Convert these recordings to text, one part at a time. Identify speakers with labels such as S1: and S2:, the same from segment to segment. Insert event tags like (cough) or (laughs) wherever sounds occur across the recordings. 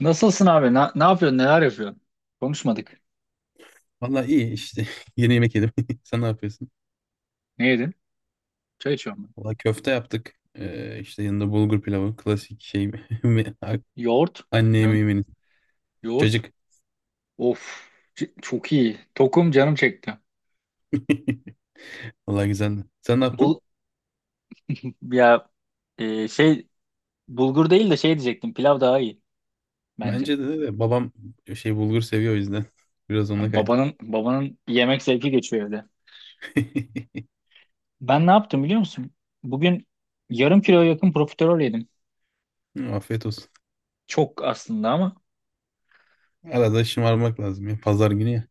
S1: Nasılsın abi? Ne yapıyorsun? Neler yapıyorsun? Konuşmadık.
S2: Valla iyi işte. (laughs) Yeni yemek yedim. (laughs) Sen ne yapıyorsun?
S1: Ne yedin? Çay içiyorum ben.
S2: Valla köfte yaptık. İşte yanında bulgur pilavı. Klasik şey. (laughs)
S1: Yoğurt.
S2: Anne
S1: Ya-
S2: yemeğimiz.
S1: Yoğurt.
S2: Cacık.
S1: Of. Çok iyi. Tokum canım çekti.
S2: (laughs) Valla güzeldi. Sen ne yaptın?
S1: Bu ya Şey, bulgur değil de şey diyecektim. Pilav daha iyi bence.
S2: Bence de, babam şey bulgur seviyor o yüzden. (laughs) Biraz ona
S1: Yani
S2: kaydı.
S1: babanın yemek zevki geçiyor evde.
S2: (laughs)
S1: Ben ne yaptım biliyor musun? Bugün yarım kilo yakın profiterol yedim.
S2: Hı, afiyet olsun.
S1: Çok aslında ama.
S2: Arada şımarmak lazım ya. Pazar günü ya.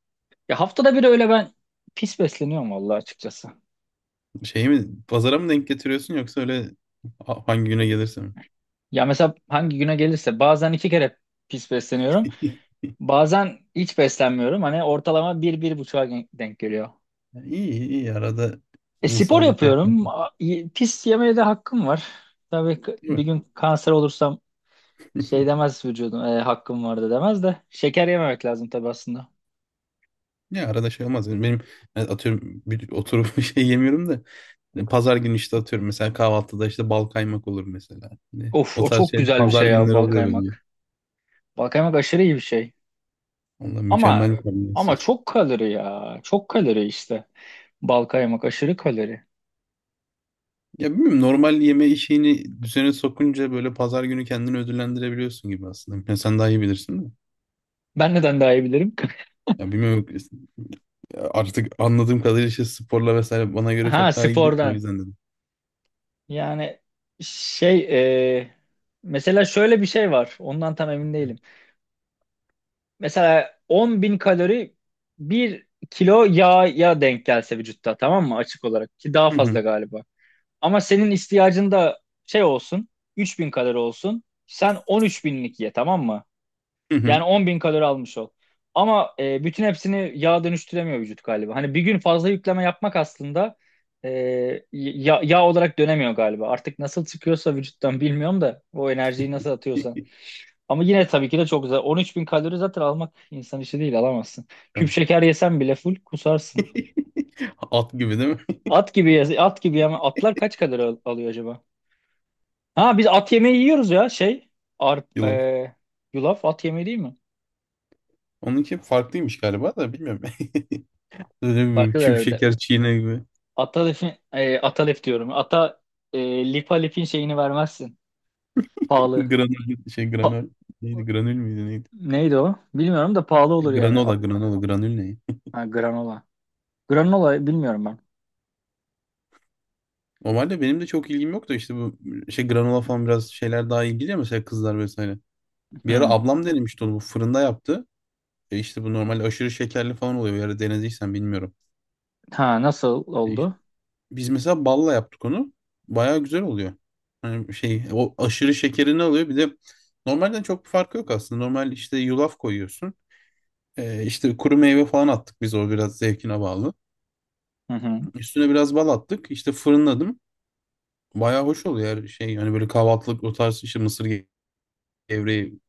S1: Ya haftada bir öyle ben pis besleniyorum vallahi açıkçası.
S2: Şey mi? Pazara mı denk getiriyorsun, yoksa öyle hangi güne gelirse mi?
S1: Ya mesela hangi güne gelirse bazen iki kere pis besleniyorum.
S2: (laughs) İyi,
S1: Bazen hiç beslenmiyorum. Hani ortalama bir, bir buçuğa denk geliyor.
S2: iyi. İyi. Arada
S1: Spor
S2: insanla şey yapmak.
S1: yapıyorum. Pis yemeye de hakkım var. Tabii
S2: Değil
S1: bir
S2: mi?
S1: gün kanser olursam şey
S2: (laughs)
S1: demez vücudum. Hakkım vardı demez de. Şeker yememek lazım tabii aslında.
S2: Ya arada şey olmaz. Yani benim, yani atıyorum bir, oturup (laughs) bir şey yemiyorum da, yani pazar günü işte atıyorum mesela kahvaltıda işte bal kaymak olur mesela. Hani
S1: Of,
S2: o
S1: o
S2: tarz
S1: çok
S2: şey
S1: güzel bir
S2: pazar
S1: şey ya,
S2: günleri
S1: bal
S2: oluyor bence.
S1: kaymak. Bal kaymak aşırı iyi bir şey.
S2: Ondan
S1: Ama
S2: mükemmel bir
S1: ama
S2: kombinasyon. (laughs)
S1: çok kalori ya. Çok kalori işte. Bal kaymak aşırı kalori.
S2: Ya bilmiyorum, normal yeme işini düzene sokunca böyle pazar günü kendini ödüllendirebiliyorsun gibi aslında. Yani sen daha iyi bilirsin de.
S1: Ben neden daha iyi bilirim? (laughs)
S2: Ya bilmiyorum, ya artık anladığım kadarıyla işte sporla vesaire bana göre
S1: Ha,
S2: çok daha ilgilisin, o
S1: spordan.
S2: yüzden dedim.
S1: Yani şey e, mesela şöyle bir şey var. Ondan tam emin değilim. Mesela 10 bin kalori bir kilo yağya denk gelse vücutta, tamam mı? Açık olarak ki daha
S2: Hı
S1: fazla
S2: hı.
S1: galiba. Ama senin ihtiyacın da şey olsun, 3000 kalori olsun. Sen 13 binlik ye, tamam mı?
S2: Hı hı.
S1: Yani 10 bin kalori almış ol. Bütün hepsini yağ dönüştüremiyor vücut galiba. Hani bir gün fazla yükleme yapmak aslında e, yağ olarak dönemiyor galiba. Artık nasıl çıkıyorsa vücuttan bilmiyorum da, o enerjiyi nasıl atıyorsan. Ama yine tabii ki de çok güzel. 13 bin kalori zaten almak insan işi değil, alamazsın. Küp
S2: Tabii.
S1: şeker yesen bile full kusarsın.
S2: (laughs) At gibi değil mi?
S1: At gibi at gibi yeme. Atlar kaç kalori alıyor acaba? Ha, biz at yemeği yiyoruz ya, şey.
S2: (laughs)
S1: Arp,
S2: Yılan.
S1: e, Yulaf at yemeği değil mi?
S2: Onunki farklıymış galiba da bilmiyorum. (laughs) Öyle bir
S1: Farklı
S2: küp
S1: herhalde.
S2: şeker çiğne gibi.
S1: Atalef'in, Atalef diyorum. Lipalef'in şeyini vermezsin.
S2: (laughs)
S1: Pahalı.
S2: Granül şey,
S1: Pa-
S2: granül. Neydi, granül müydü, neydi?
S1: Neydi o? Bilmiyorum da pahalı olur yani.
S2: Granola, granola, granül, ne?
S1: Ha, granola. Granola bilmiyorum ben.
S2: Normalde benim de çok ilgim yok da, işte bu şey granola falan biraz şeyler daha ilgili ya, mesela kızlar vesaire. Bir ara
S1: Hı.
S2: ablam denemişti onu, bu fırında yaptı. E işte bu normal aşırı şekerli falan oluyor. Bir ara denediysen bilmiyorum.
S1: Ha, nasıl
S2: E işte
S1: oldu?
S2: biz mesela balla yaptık onu. Bayağı güzel oluyor. Yani şey, o aşırı şekerini alıyor. Bir de normalden çok bir farkı yok aslında. Normal işte yulaf koyuyorsun. İşte kuru meyve falan attık biz, o biraz zevkine bağlı.
S1: Hı hı.
S2: Üstüne biraz bal attık. İşte fırınladım. Bayağı hoş oluyor her şey. Hani böyle kahvaltılık o tarz işte gevreği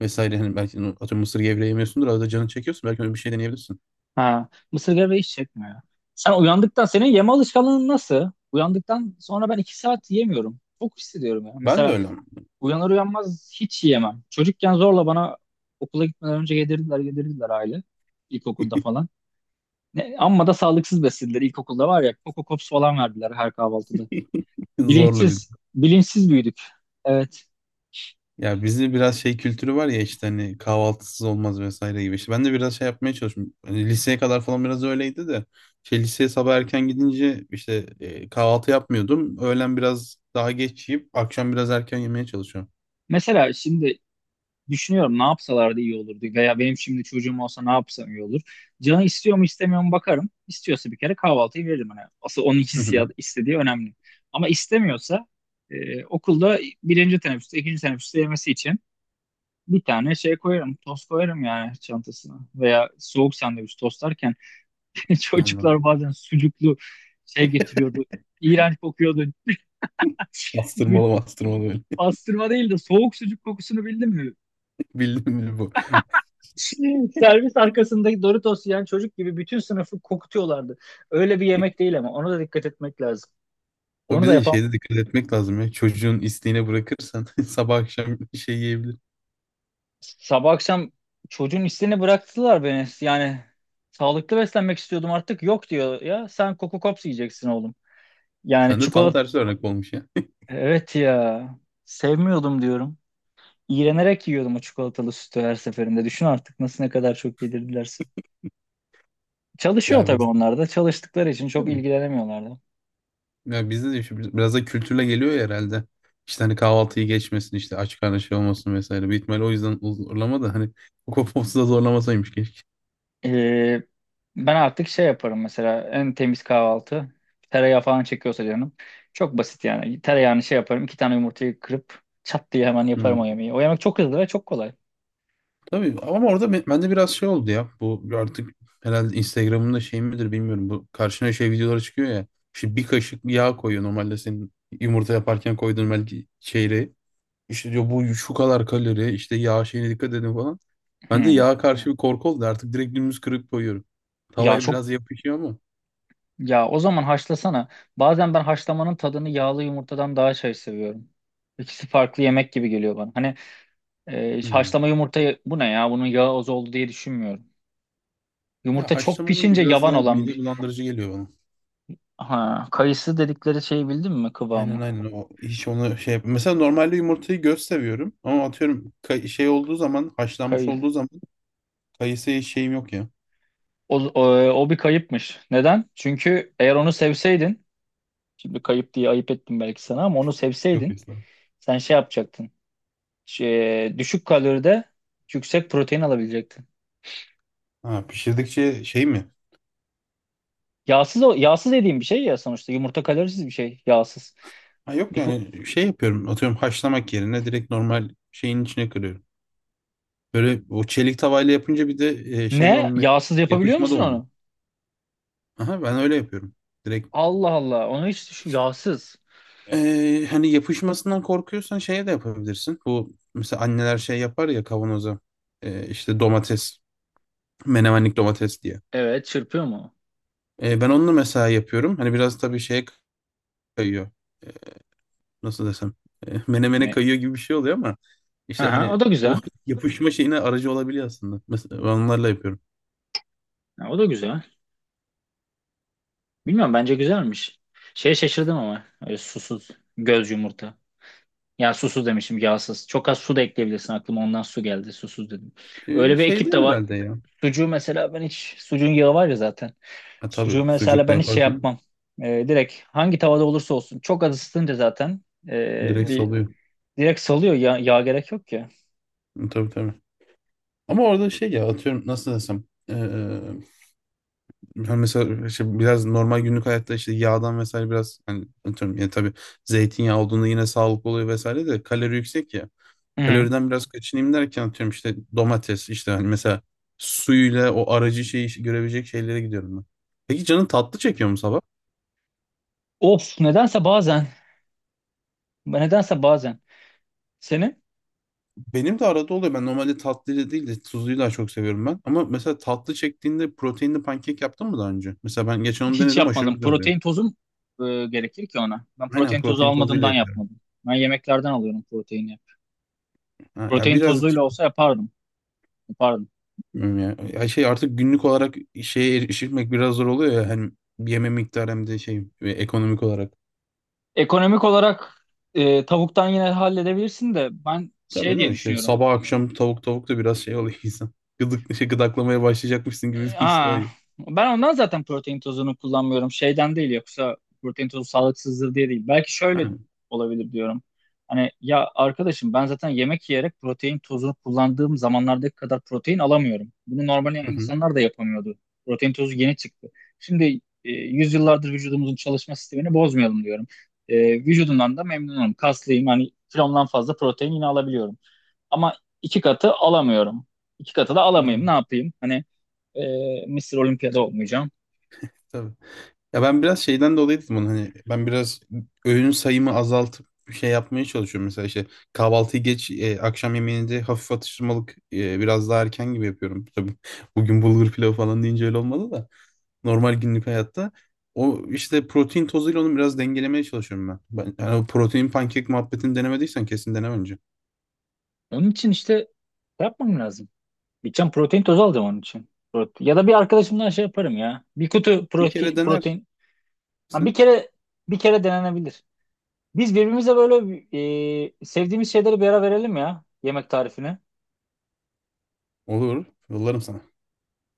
S2: vesaire. Hani belki atıyorum mısır gevreği yemiyorsundur. Arada canın çekiyorsun. Belki öyle bir şey deneyebilirsin.
S1: Ha, mısır gevreği hiç çekmiyor. Sen uyandıktan senin yeme alışkanlığın nasıl? Uyandıktan sonra ben iki saat yemiyorum. Çok hissediyorum ya.
S2: Ben de
S1: Mesela
S2: öyle.
S1: uyanır uyanmaz hiç yiyemem. Çocukken zorla bana okula gitmeden önce yedirdiler aile. İlkokulda falan. Ne, amma da sağlıksız beslediler. İlkokulda var ya, Coco Pops falan verdiler her kahvaltıda.
S2: (laughs) Zorla bir,
S1: Bilinçsiz, bilinçsiz büyüdük. Evet.
S2: ya bizde biraz şey kültürü var ya, işte hani kahvaltısız olmaz vesaire gibi. İşte ben de biraz şey yapmaya çalıştım. Hani liseye kadar falan biraz öyleydi de. Şey, liseye sabah erken gidince işte kahvaltı yapmıyordum. Öğlen biraz daha geç yiyip akşam biraz erken yemeye çalışıyorum.
S1: Mesela şimdi düşünüyorum, ne yapsalardı iyi olurdu veya benim şimdi çocuğum olsa ne yapsam iyi olur. Canı istiyor mu istemiyor mu bakarım. İstiyorsa bir kere kahvaltıyı veririm. Hani asıl onun
S2: Hı hı.
S1: hissiyat istediği önemli. Ama istemiyorsa, okulda birinci teneffüste, ikinci teneffüste yemesi için bir tane şey koyarım, tost koyarım yani çantasına. Veya soğuk sandviç tostlar. (laughs)
S2: Anladım.
S1: Çocuklar bazen sucuklu şey getiriyordu. İğrenç kokuyordu. (laughs)
S2: Bastırmalı, bastırmalı böyle.
S1: Pastırma değil de soğuk sucuk kokusunu bildin mi?
S2: (laughs) Bildim mi bu?
S1: (laughs) Servis arkasındaki Doritos yiyen çocuk gibi bütün sınıfı kokutuyorlardı. Öyle bir yemek değil ama ona da dikkat etmek lazım.
S2: Bu,
S1: Onu
S2: bir
S1: da
S2: de
S1: yapan
S2: şeyde dikkat etmek lazım ya. Çocuğun isteğine bırakırsan (laughs) sabah akşam şey yiyebilir.
S1: sabah akşam çocuğun isteğini bıraktılar beni. Yani sağlıklı beslenmek istiyordum, artık yok diyor ya, sen Coco Pops yiyeceksin oğlum. Yani
S2: Sen de tam
S1: çikolata,
S2: tersi örnek olmuş ya.
S1: evet ya, sevmiyordum diyorum. İğrenerek yiyordum o çikolatalı sütü her seferinde. Düşün artık nasıl, ne kadar çok yedirdilerse.
S2: (laughs)
S1: Çalışıyor
S2: Ya
S1: tabii
S2: biz,
S1: onlar da. Çalıştıkları için çok
S2: tabii.
S1: ilgilenemiyorlardı.
S2: Ya bizde de işte biraz da kültürle geliyor ya herhalde. İşte hani kahvaltıyı geçmesin, işte aç karnı şey olmasın vesaire. Büyük ihtimalle o yüzden zorlama da, hani kokopopsu da zorlamasaymış keşke.
S1: Ee, Ben artık şey yaparım mesela, en temiz kahvaltı. Tereyağı falan çekiyorsa canım. Çok basit yani. Tereyağını şey yaparım. İki tane yumurtayı kırıp çat diye hemen yaparım o
S2: Hmm.
S1: yemeği. O yemek çok hızlı ve çok kolay.
S2: Tabii ama orada bende biraz şey oldu ya. Bu artık herhalde Instagram'ın da şey midir, bilmiyorum. Bu karşına şey videoları çıkıyor ya. İşte bir kaşık yağ koyuyor normalde, senin yumurta yaparken koyduğun belki şeyle. İşte diyor bu şu kadar kalori, işte yağ şeyine dikkat edin falan. Ben de
S1: Hmm.
S2: yağa karşı bir korku oldu, artık direkt dümdüz kırıp koyuyorum.
S1: Ya
S2: Tavaya
S1: çok
S2: biraz yapışıyor ama.
S1: Ya o zaman haşlasana. Bazen ben haşlamanın tadını yağlı yumurtadan daha şey seviyorum. İkisi farklı yemek gibi geliyor bana. Hani,
S2: Hmm.
S1: haşlama yumurta bu ne ya? Bunun yağı az oldu diye düşünmüyorum.
S2: Ya
S1: Yumurta çok
S2: haşlama olunca
S1: pişince
S2: biraz
S1: yavan
S2: daha
S1: olan
S2: mide
S1: bir...
S2: bulandırıcı geliyor bana.
S1: Ha, kayısı dedikleri şeyi bildin mi,
S2: Aynen,
S1: kıvamı?
S2: aynen o. Hiç onu şey yap-, mesela normalde yumurtayı göz seviyorum ama atıyorum şey olduğu zaman, haşlanmış
S1: Kayı.
S2: olduğu zaman kayısıya şeyim yok ya.
S1: O, o, O bir kayıpmış. Neden? Çünkü eğer onu sevseydin, şimdi kayıp diye ayıp ettim belki sana, ama onu
S2: Yok
S1: sevseydin
S2: mesela.
S1: sen şey yapacaktın. Şey, düşük kaloride yüksek protein alabilecektin.
S2: Ha, pişirdikçe şey mi?
S1: Yağsız yağsız dediğim bir şey ya, sonuçta yumurta kalorisiz bir şey, yağsız.
S2: Ha yok,
S1: Bir fu-
S2: yani şey yapıyorum, atıyorum haşlamak yerine direkt normal şeyin içine kırıyorum. Böyle o çelik tavayla yapınca bir de şey
S1: Ne?
S2: olmuyor.
S1: Yağsız yapabiliyor
S2: Yapışma da
S1: musun
S2: olmuyor.
S1: onu?
S2: Aha, ben öyle yapıyorum. Direkt
S1: Allah Allah. Onu hiç düşün. Yağsız.
S2: Hani yapışmasından korkuyorsan şeye de yapabilirsin. Bu mesela anneler şey yapar ya, kavanoza. İşte domates, menemenlik domates diye.
S1: Evet, çırpıyor mu?
S2: Ben onu mesela yapıyorum. Hani biraz tabii şeye kayıyor. Ee, nasıl desem? Menemene
S1: Ne?
S2: kayıyor gibi bir şey oluyor ama işte
S1: Aha, o
S2: hani
S1: da
S2: o
S1: güzel.
S2: (laughs) yapışma şeyine aracı olabiliyor aslında. Mesela ben onlarla yapıyorum.
S1: Ha, o da güzel. Bilmiyorum, bence güzelmiş. Şeye şaşırdım ama, öyle susuz göz yumurta. Ya, susuz demişim, yağsız. Çok az su da ekleyebilirsin, aklıma ondan su geldi susuz dedim. Öyle bir ekip de
S2: Şeyden
S1: var.
S2: herhalde ya.
S1: Sucuğu mesela ben hiç, sucuğun yağı var ya zaten.
S2: Ha, tabii
S1: Sucuğu mesela
S2: sucukla
S1: ben hiç şey
S2: yaparsın.
S1: yapmam. Direkt hangi tavada olursa olsun çok az ısıtınca zaten,
S2: Direkt
S1: bir
S2: salıyor.
S1: direkt salıyor ya, yağ gerek yok ya.
S2: Hı, tabii, tabii. Ama orada şey ya, atıyorum nasıl desem. Ha, mesela işte biraz normal günlük hayatta işte yağdan vesaire biraz hani atıyorum, yani tabii zeytinyağı olduğunda yine sağlıklı oluyor vesaire de kalori yüksek ya.
S1: Hı hı.
S2: Kaloriden biraz kaçınayım derken atıyorum işte domates, işte hani mesela suyuyla o aracı şeyi görebilecek şeylere gidiyorum ben. Peki canın tatlı çekiyor mu sabah?
S1: Of, nedense bazen, nedense bazen senin
S2: Benim de arada oluyor. Ben normalde tatlıyla değil de tuzluyu daha çok seviyorum ben. Ama mesela tatlı çektiğinde proteinli pankek yaptın mı daha önce? Mesela ben geçen onu
S1: hiç
S2: denedim, aşırı
S1: yapmadım.
S2: güzel oluyor.
S1: Protein tozum gerekir ki ona. Ben
S2: Aynen,
S1: protein tozu
S2: protein tozuyla
S1: almadığımdan
S2: yapıyorum.
S1: yapmadım. Ben yemeklerden alıyorum proteini.
S2: Ha, ya
S1: Protein
S2: biraz
S1: tozuyla olsa yapardım. Yapardım.
S2: bilmiyorum ya. Ya şey, artık günlük olarak şeye erişmek biraz zor oluyor ya, hem yeme miktarı hem de şey ve ekonomik olarak.
S1: Ekonomik olarak tavuktan yine halledebilirsin de, ben
S2: Tabii,
S1: şey
S2: değil
S1: diye
S2: mi? İşte
S1: düşünüyorum.
S2: sabah akşam tavuk tavuk da biraz şey oluyor (laughs) insan. Gıdık, şey, gıdaklamaya başlayacakmışsın gibi
S1: Ee,
S2: bir his de
S1: Aa,
S2: oluyor.
S1: Ben ondan zaten protein tozunu kullanmıyorum. Şeyden değil, yoksa protein tozu sağlıksızdır diye değil. Belki
S2: Ha.
S1: şöyle olabilir diyorum. Hani ya arkadaşım, ben zaten yemek yiyerek, protein tozunu kullandığım zamanlardaki kadar protein alamıyorum. Bunu normal
S2: Hı hı.
S1: insanlar da yapamıyordu. Protein tozu yeni çıktı. Şimdi, yüzyıllardır vücudumuzun çalışma sistemini bozmayalım diyorum. E, Vücudumdan da memnunum. Kaslıyım. Hani kilomdan fazla protein yine alabiliyorum. Ama iki katı alamıyorum. İki katı da alamayayım. Ne
S2: Hı.
S1: yapayım? Hani Mısır Olimpiyada olmayacağım.
S2: Tabii. Ya ben biraz şeyden dolayı dedim bunu, hani ben biraz öğün sayımı azaltıp bir şey yapmaya çalışıyorum. Mesela işte kahvaltıyı geç, akşam yemeğini de hafif atıştırmalık, biraz daha erken gibi yapıyorum. Tabii bugün bulgur pilavı falan deyince öyle olmadı da. Normal günlük hayatta. O işte protein tozuyla onu biraz dengelemeye çalışıyorum ben. Ben yani o protein pankek muhabbetini denemediysen kesin dene önce.
S1: Onun için işte şey yapmam lazım. Gideceğim protein tozu alacağım onun için. Ya da bir arkadaşımdan şey yaparım ya, bir kutu
S2: Bir kere denersin.
S1: protein. Ha, bir kere denenebilir. Biz birbirimize böyle sevdiğimiz şeyleri bir ara verelim ya, yemek tarifini.
S2: Olur. Yollarım sana.